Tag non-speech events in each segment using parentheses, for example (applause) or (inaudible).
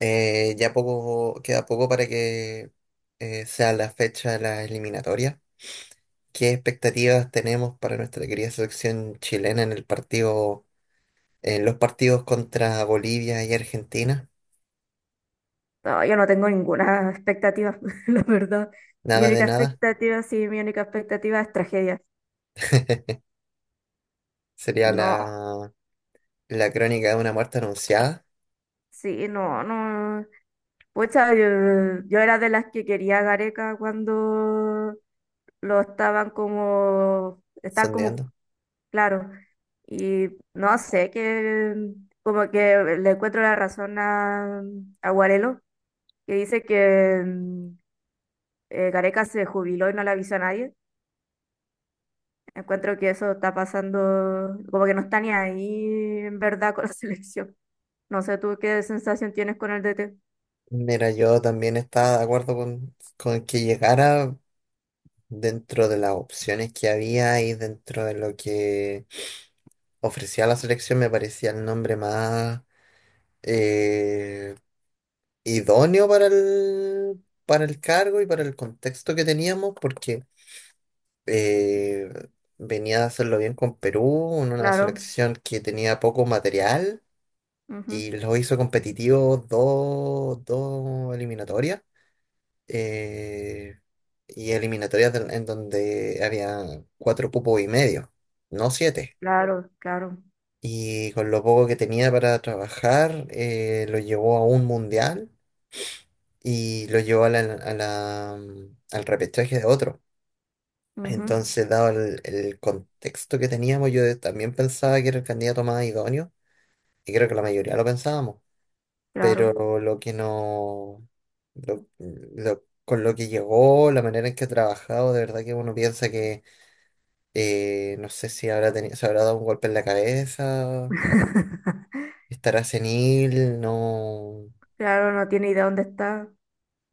Ya poco, queda poco para que sea la fecha de la eliminatoria. ¿Qué expectativas tenemos para nuestra querida selección chilena en el partido, en los partidos contra Bolivia y Argentina? No, yo no tengo ninguna expectativa, (laughs) la verdad. Mi Nada de única nada. expectativa, sí, mi única expectativa es tragedia. (laughs) Sería No, la crónica de una muerte anunciada. sí, no, no. Pucha, yo era de las que quería a Gareca cuando lo estaban como, está como, Sondeando. claro. Y no sé, que como que le encuentro la razón a Guarelo, que dice que Gareca se jubiló y no le avisó a nadie. Encuentro que eso está pasando, como que no está ni ahí en verdad con la (laughs) selección. No sé tú qué sensación tienes con el DT. Mira, yo también estaba de acuerdo con que llegara dentro de las opciones que había y dentro de lo que ofrecía la selección. Me parecía el nombre más eh, idóneo para el cargo y para el contexto que teníamos, porque eh, venía a hacerlo bien con Perú, en una Claro, selección que tenía poco material ujú, y lo hizo competitivo dos eliminatorias. eh, y eliminatorias en donde había cuatro cupos y medio, no siete. Claro, Y con lo poco que tenía para trabajar, lo llevó a un mundial y lo llevó al repechaje de otro. ujú, Entonces, dado el contexto que teníamos, yo también pensaba que era el candidato más idóneo, y creo que la mayoría lo pensábamos, claro, pero lo que no, con lo que llegó, la manera en que ha trabajado, de verdad que uno piensa que, no sé si habrá tenido, se habrá dado un golpe en la cabeza, (laughs) estará senil, no, claro, no tiene idea dónde está.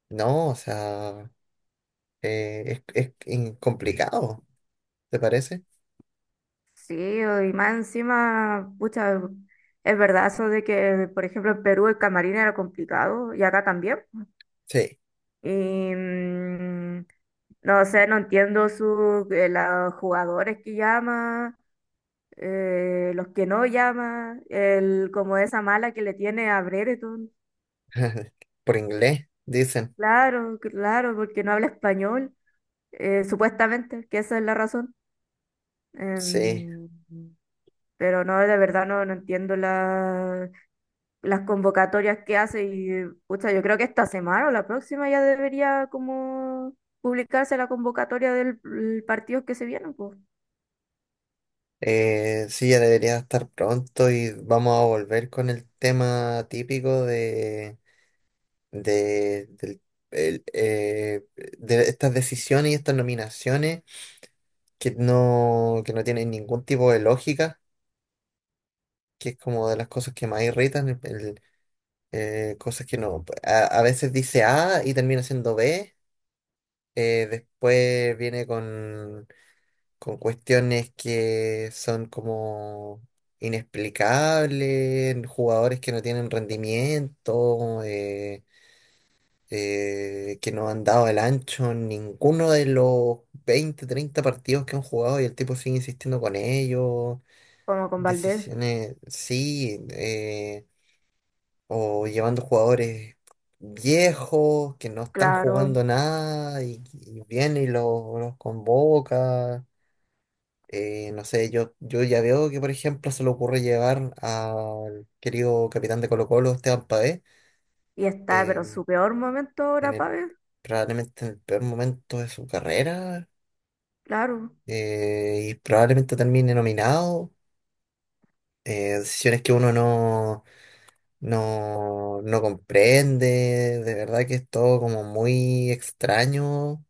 no, o sea, es complicado, ¿te parece? Sí, y más encima, pucha, es verdad eso de que, por ejemplo, en Perú el camarín era complicado y acá también. Sí. Y no sé, no entiendo su, los jugadores que llama los que no llama, el, como esa mala que le tiene a Brereton. (laughs) Por inglés, dicen. Claro, claro, porque no habla español, supuestamente, que esa es la razón. Sí, Em, pero no, de verdad no, no entiendo las convocatorias que hace y, pucha, yo creo que esta semana o la próxima ya debería como publicarse la convocatoria del el partido que se viene, pues, sí, ya debería estar pronto y vamos a volver con el tema típico de, del- el, eh, de estas decisiones y estas nominaciones que no tienen ningún tipo de lógica, que es como de las cosas que más irritan, cosas que no, a veces dice A y termina siendo B. Después viene con cuestiones que son como inexplicables, jugadores que no tienen rendimiento, que no han dado el ancho en ninguno de los 20 30 partidos que han jugado y el tipo sigue insistiendo con ellos, como con Valdés, decisiones, sí, o llevando jugadores viejos que no están claro. jugando nada y, y viene y los convoca. No sé, yo ya veo que, por ejemplo, se le ocurre llevar al querido capitán de Colo-Colo, Esteban Paez, Y está, pero en eh, su peor momento en ahora, el, Pavel, probablemente en el peor momento de su carrera, claro. Y probablemente termine nominado. Decisiones que uno no comprende, de verdad que es todo como muy extraño.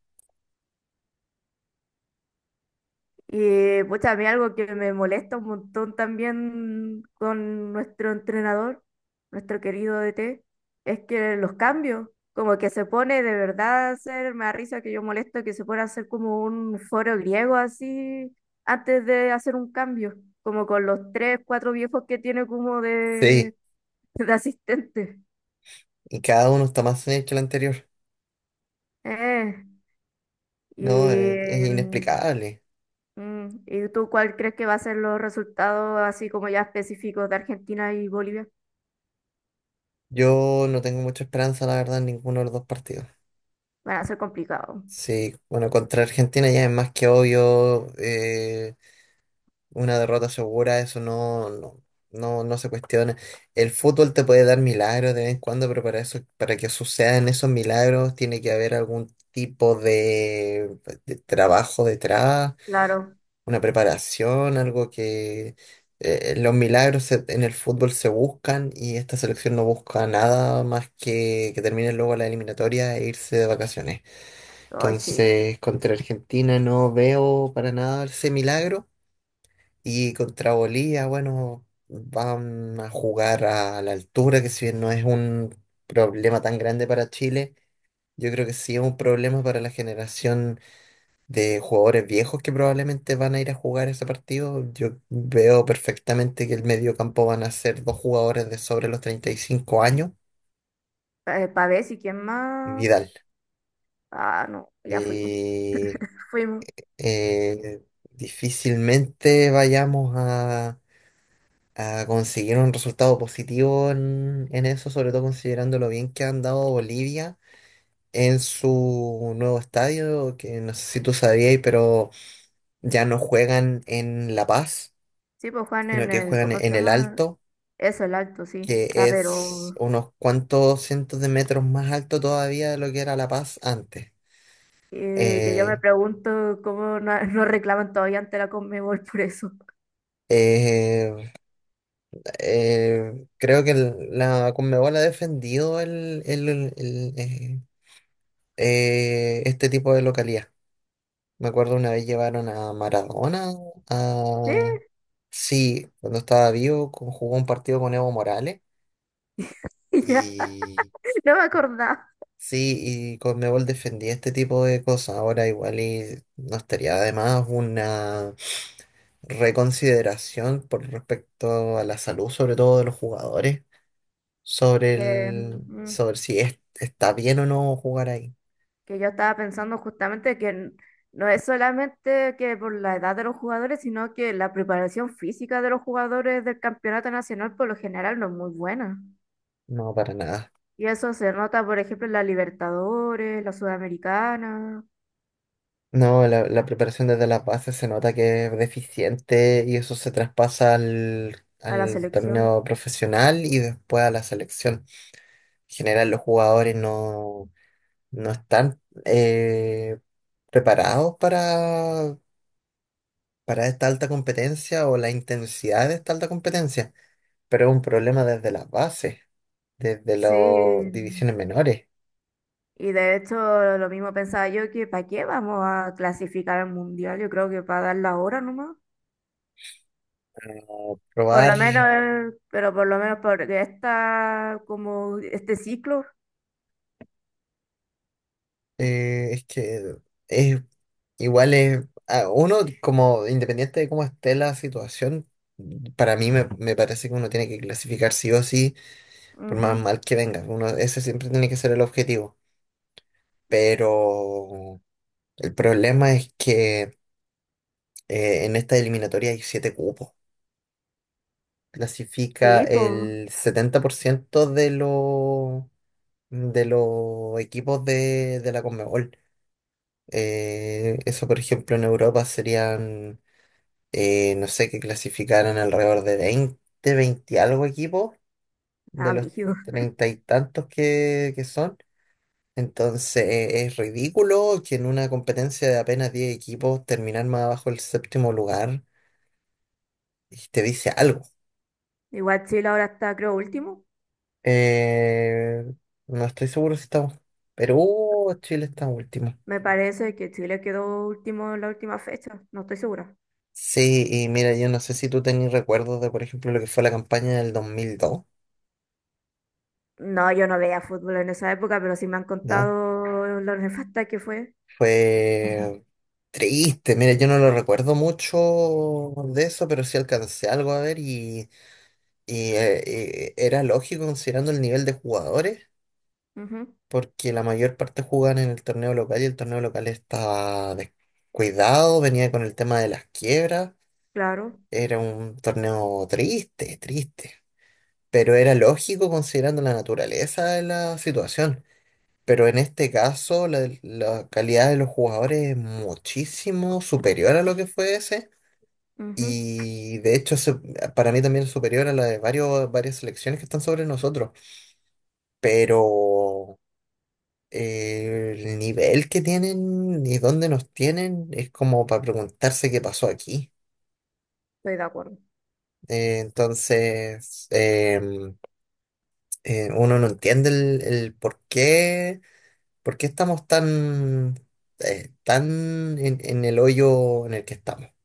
Y pues a mí algo que me molesta un montón también con nuestro entrenador, nuestro querido DT, es que los cambios, como que se pone de verdad a hacer, me da risa que yo molesto que se pone a hacer como un foro griego así antes de hacer un cambio, como con los tres, cuatro viejos que tiene como Sí, de, (laughs) de asistente. y cada uno está más en el que el anterior. Eh, No, es y, mm, inexplicable. mm, ¿y tú cuál crees que va a ser los resultados así como ya específicos de Argentina y Bolivia? Yo no tengo mucha esperanza, la verdad, en ninguno de los dos partidos. Van a ser complicado. Sí, bueno, contra Argentina ya es más que obvio, una derrota segura, eso no se cuestiona. El fútbol te puede dar milagros de vez en cuando, pero para eso, para que sucedan esos milagros, tiene que haber algún tipo de trabajo detrás, Claro. una preparación, algo que en el fútbol se buscan y esta selección no busca nada más que termine luego la eliminatoria e irse de vacaciones. Ay, sí. Entonces, contra Argentina no veo para nada ese milagro. Y contra Bolivia, bueno, van a jugar a la altura, que si bien no es un problema tan grande para Chile, yo creo que sí es un problema para la generación de jugadores viejos que probablemente van a ir a jugar ese partido. Yo veo perfectamente que el mediocampo van a ser dos jugadores de sobre los 35 años Pavés y quién y más. Vidal. Ah, no, ya fuimos. Eh, Fuimos. eh, Difícilmente vayamos a conseguir un resultado positivo en eso, sobre todo considerando lo bien que ha andado Bolivia en su nuevo estadio, que no sé si tú sabías, pero ya no juegan en La Paz, Sí, pues Juan sino en que el, juegan ¿cómo se en El llama? Alto, Eso, el acto, sí. que Está, es pero unos cuantos cientos de metros más alto todavía de lo que era La Paz antes. Que yo me Eh, pregunto cómo no, no reclaman todavía ante la Conmebol por eso. eh, Creo que la Conmebol ha defendido este tipo de localidad. Me acuerdo una vez llevaron a Maradona, a, (laughs) sí, cuando estaba vivo, jugó un partido con Evo Morales Sí, ya, y no me acordaba. sí, y Conmebol defendía este tipo de cosas. Ahora igual y no estaría además una reconsideración por respecto a la salud, sobre todo de los jugadores, sobre Que, el, sobre si está bien o no jugar ahí. que yo estaba pensando justamente no es solamente que por la edad de los jugadores, sino que la preparación física de los jugadores del campeonato nacional por lo general no es muy buena. No, para nada. Y eso se nota, por ejemplo, en la Libertadores, la Sudamericana, No, la preparación desde las bases se nota que es deficiente y eso se traspasa al, a la al selección. torneo profesional y después a la selección. En general, los jugadores no están preparados para esta alta competencia o la intensidad de esta alta competencia, pero es un problema desde las bases, desde las Sí, divisiones menores. y de hecho lo mismo pensaba yo que ¿para qué vamos a clasificar al mundial? Yo creo que para dar la hora nomás. No, Por probar, lo menos, pero por lo menos por esta, como este ciclo. Es que es igual es a uno como independiente de cómo esté la situación, para mí me parece que uno tiene que clasificar sí o sí, por Ujú. más mal que venga. Uno, ese siempre tiene que ser el objetivo. Pero el problema es que en esta eliminatoria hay siete cupos. Clasifica Sí, pues, el 70% de los equipos de la Conmebol. Eso, por ejemplo, en Europa serían, no sé, que clasificaran alrededor de veinte algo equipos de los abrigo. 30 y tantos que son. Entonces, es ridículo que en una competencia de apenas 10 equipos terminar más abajo el séptimo lugar y te dice algo. Igual Chile ahora está, creo, último. Eh, no estoy seguro si estamos. Perú o Chile está último. Me parece que Chile quedó último en la última fecha, no estoy segura. Sí, y mira, yo no sé si tú tenés recuerdos de, por ejemplo, lo que fue la campaña del 2002, No, yo no veía fútbol en esa época, pero sí me han ¿no? contado lo nefasta que fue. Fue triste. Mira, yo no lo recuerdo mucho de eso, pero sí alcancé algo a ver era lógico considerando el nivel de jugadores, Ujú, porque la mayor parte jugaban en el torneo local y el torneo local estaba descuidado, venía con el tema de las quiebras, claro, era un torneo triste, triste, pero era lógico considerando la naturaleza de la situación. Pero en este caso, la calidad de los jugadores es muchísimo superior a lo que fue ese. ujú, Y de hecho, para mí también es superior a la de varias selecciones que están sobre nosotros. Pero el nivel que tienen y dónde nos tienen es como para preguntarse qué pasó aquí. estoy de acuerdo. Entonces, uno no entiende el por qué. ¿Por qué estamos tan en el hoyo en el que estamos?